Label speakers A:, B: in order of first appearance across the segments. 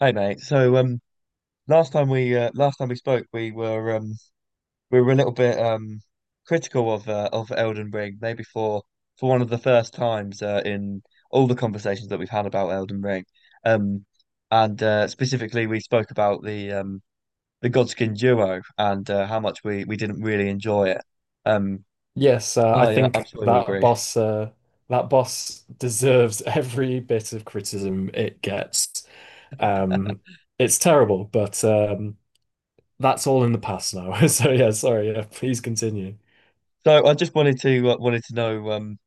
A: Hey mate, last time we spoke, we were a little bit critical of Elden Ring, maybe for one of the first times in all the conversations that we've had about Elden Ring, um, and specifically we spoke about the Godskin duo and how much we didn't really enjoy it. Um,
B: Yes, I
A: oh yeah, I'm
B: think
A: sure you'll agree.
B: that boss deserves every bit of criticism it gets. Um, it's terrible, but that's all in the past now. So yeah, sorry. Yeah, please continue.
A: So I just wanted to wanted to know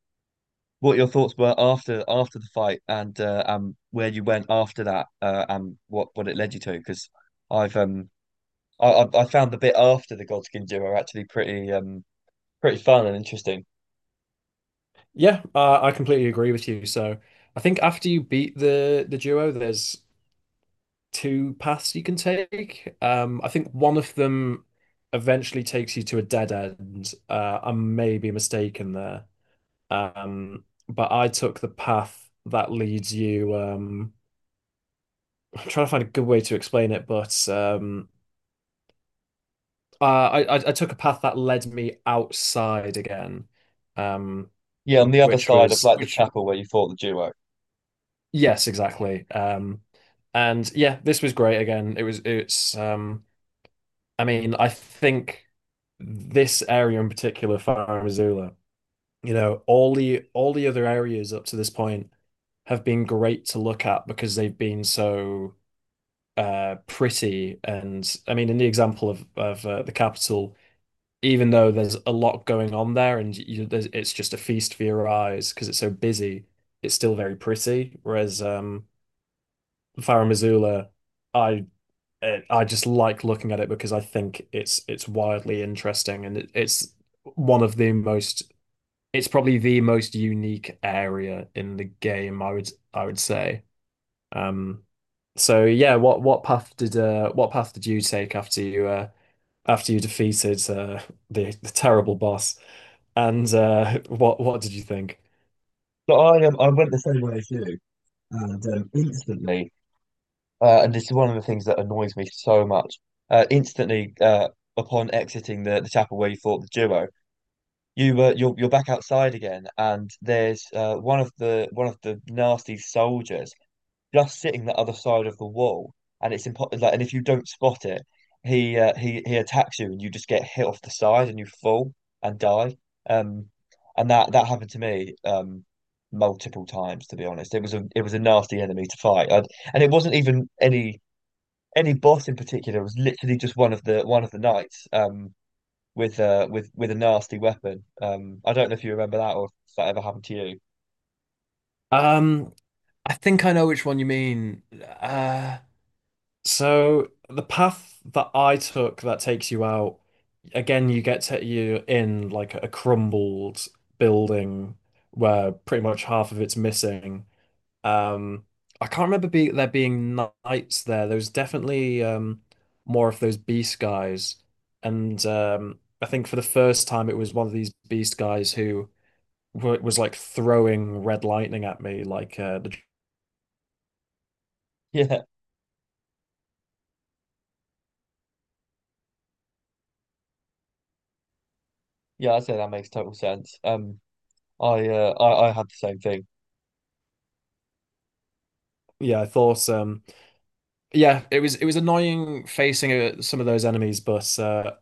A: what your thoughts were after the fight and where you went after that and what it led you to because I've um I found the bit after the Godskin duo actually pretty pretty fun and interesting.
B: Yeah, I completely agree with you. So I think after you beat the duo, there's two paths you can take. I think one of them eventually takes you to a dead end. I may be mistaken there. But I took the path that leads you. I'm trying to find a good way to explain it, but I took a path that led me outside again, um,
A: Yeah, on the other
B: which
A: side of
B: was
A: like the
B: which
A: chapel where you fought the duo.
B: yes, exactly. And yeah, this was great again. It was it's I mean I think this area in particular, Far Missoula, you know, all the other areas up to this point have been great to look at because they've been so pretty. And I mean, in the example of the capital, even though there's a lot going on there, and it's just a feast for your eyes because it's so busy, it's still very pretty. Whereas Faro Missoula, I I just like looking at it because I think it's wildly interesting and it's one of the most— it's probably the most unique area in the game, I would say. Um, so yeah, what path did you take after you defeated the terrible boss? And what did you think?
A: But I went the same way as you and instantly and this is one of the things that annoys me so much. Instantly upon exiting the chapel where you fought the duo you were you're back outside again, and there's one of the nasty soldiers just sitting the other side of the wall, and it's impossible. Like, and if you don't spot it, he he attacks you, and you just get hit off the side, and you fall and die. Um, and that happened to me multiple times, to be honest. It was a nasty enemy to fight, I and it wasn't even any boss in particular. It was literally just one of the knights. With with a nasty weapon. I don't know if you remember that or if that ever happened to you.
B: Um, I think I know which one you mean. Uh, so the path that I took that takes you out, again, you get to you in like a crumbled building where pretty much half of it's missing. Um, I can't remember be there being knights there. There was definitely more of those beast guys, and I think for the first time it was one of these beast guys who w was like throwing red lightning at me.
A: Yeah, yeah, I'd say that makes total sense. I I had the same thing.
B: Yeah, I thought, yeah, it was annoying facing some of those enemies, but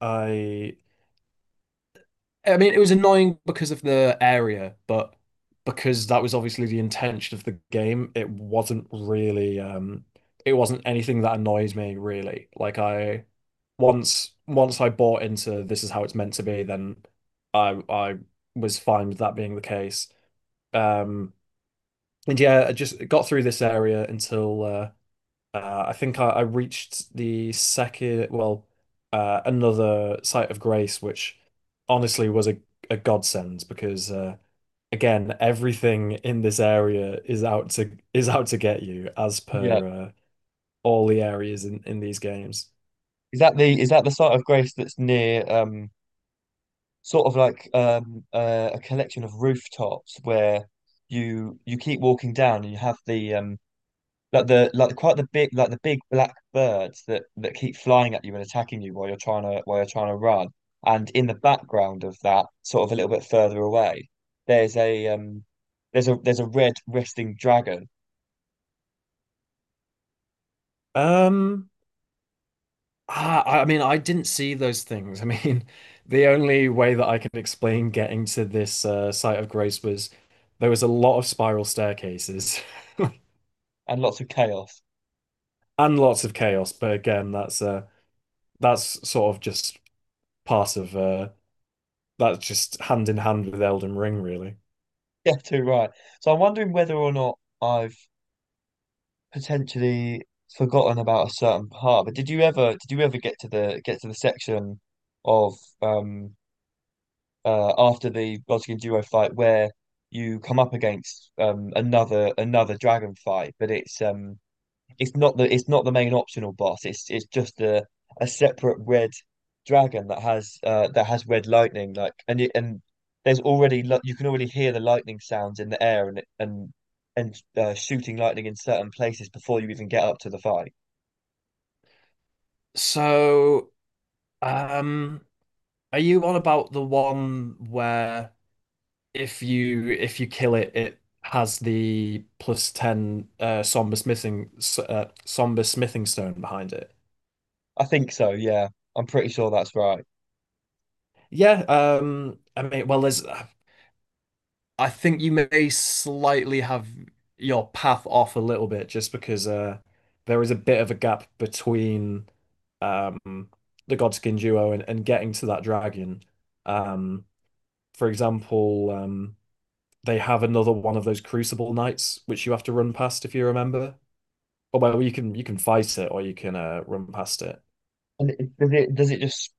B: I I mean, it was annoying because of the area, but because that was obviously the intention of the game, it wasn't really it wasn't anything that annoys me, really. Like I, once once I bought into this is how it's meant to be, then I was fine with that being the case. Um and yeah, I just got through this area until I reached the second, well, another site of grace, which honestly was a godsend because again, everything in this area is out to— is out to get you, as
A: Yeah,
B: per all the areas in these games.
A: is that the site of grace that's near sort of like a collection of rooftops where you keep walking down and you have the quite the big like the big black birds that that keep flying at you and attacking you while you're trying to run. And in the background of that, sort of a little bit further away, there's a red resting dragon
B: Um, ah, I mean, I didn't see those things. I mean, the only way that I can explain getting to this site of grace was there was a lot of spiral staircases.
A: and lots of chaos.
B: And lots of chaos. But again, that's sort of just part of that's just hand in hand with Elden Ring, really.
A: Yeah, too right. So I'm wondering whether or not I've potentially forgotten about a certain part. But did you ever get to the section of um after the Godskin Duo fight where you come up against another dragon fight, but it's not the main optional boss. It's just a separate red dragon that has red lightning like and it, and there's already you can already hear the lightning sounds in the air and shooting lightning in certain places before you even get up to the fight.
B: So, um, are you on about the one where if you kill it, it has the plus ten somber smithing stone behind it?
A: I think so, yeah. I'm pretty sure that's right.
B: Yeah. I mean, well, there's I think you may slightly have your path off a little bit just because there is a bit of a gap between um, the Godskin duo and getting to that dragon. Um, for example, they have another one of those Crucible Knights which you have to run past if you remember. Or well, you can fight it or you can run past it.
A: And it, does it just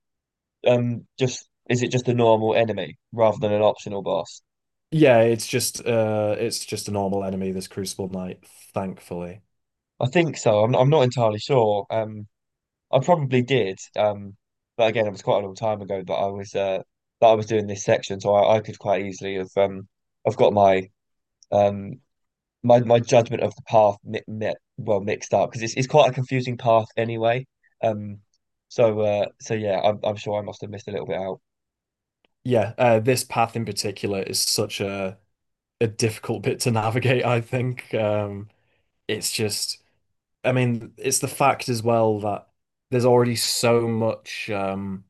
A: is it just a normal enemy rather than an optional boss?
B: Yeah, it's just a normal enemy, this Crucible Knight, thankfully.
A: I think so. I'm not entirely sure. I probably did. But again, it was quite a long time ago that I was that I was doing this section, so I could quite easily have I've got my um my judgment of the path mi mi well mixed up because it's quite a confusing path anyway. Um, so yeah, I'm sure I must have missed a little bit out.
B: Yeah, this path in particular is such a difficult bit to navigate, I think. It's just, I mean, it's the fact as well that there's already so much,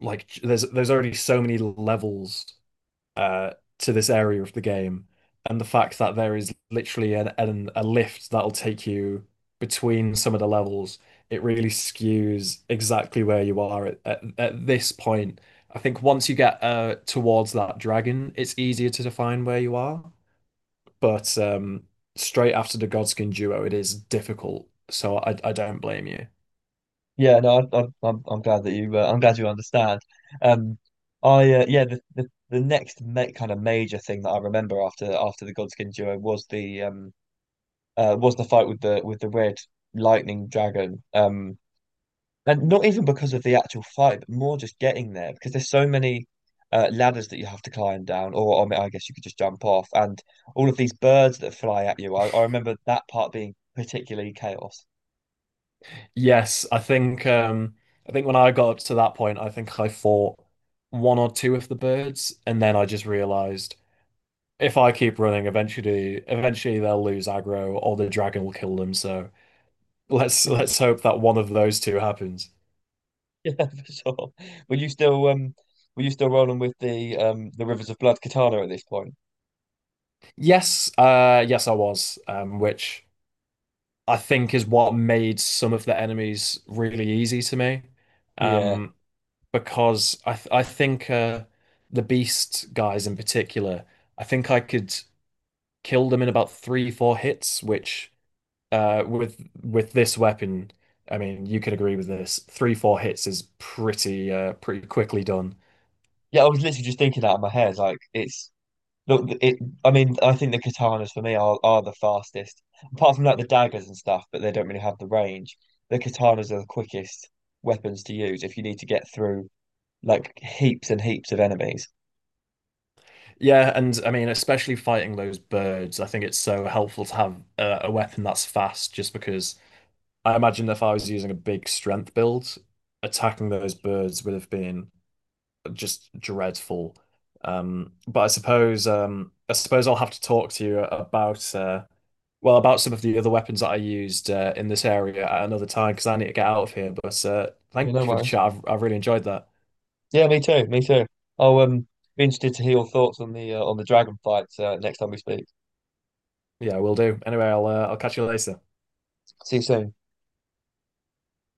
B: like there's already so many levels uh to this area of the game, and the fact that there is literally an a lift that'll take you between some of the levels, it really skews exactly where you are at, at this point. I think once you get towards that dragon, it's easier to define where you are. But straight after the Godskin duo, it is difficult. So I don't blame you.
A: Yeah, no, I'm glad that you I'm glad you understand. Um, I yeah, the next ma kind of major thing that I remember after after the Godskin duo was the fight with the red lightning dragon. And not even because of the actual fight, but more just getting there because there's so many ladders that you have to climb down, or I mean, I guess you could just jump off, and all of these birds that fly at you. I remember that part being particularly chaos.
B: Yes, I think when I got to that point, I think I fought one or two of the birds, and then I just realized if I keep running, eventually, eventually they'll lose aggro or the dragon will kill them. So let's hope that one of those two happens.
A: Yeah, for sure. Were you still um were you still rolling with the Rivers of Blood katana at this point?
B: Yes, yes, I was, which I think is what made some of the enemies really easy to me.
A: Yeah.
B: Um, because I think the beast guys in particular, I think I could kill them in about three, four hits, which with this weapon, I mean, you could agree with this. Three, four hits is pretty pretty quickly done.
A: Yeah, I was literally just thinking that in my head. Like it's look it I mean, I think the katanas for me are the fastest. Apart from like the daggers and stuff, but they don't really have the range. The katanas are the quickest weapons to use if you need to get through like heaps and heaps of enemies.
B: Yeah, and I mean, especially fighting those birds, I think it's so helpful to have a weapon that's fast, just because I imagine if I was using a big strength build, attacking those birds would have been just dreadful. But I suppose I'll have to talk to you about well, about some of the other weapons that I used in this area at another time because I need to get out of here. But
A: Yeah,
B: thank
A: no
B: you for the
A: worries.
B: chat. I've really enjoyed that.
A: Yeah, me too, me too. I'll be interested to hear your thoughts on the dragon fights next time we speak.
B: Yeah, we will do. Anyway, I'll catch you later.
A: See you soon.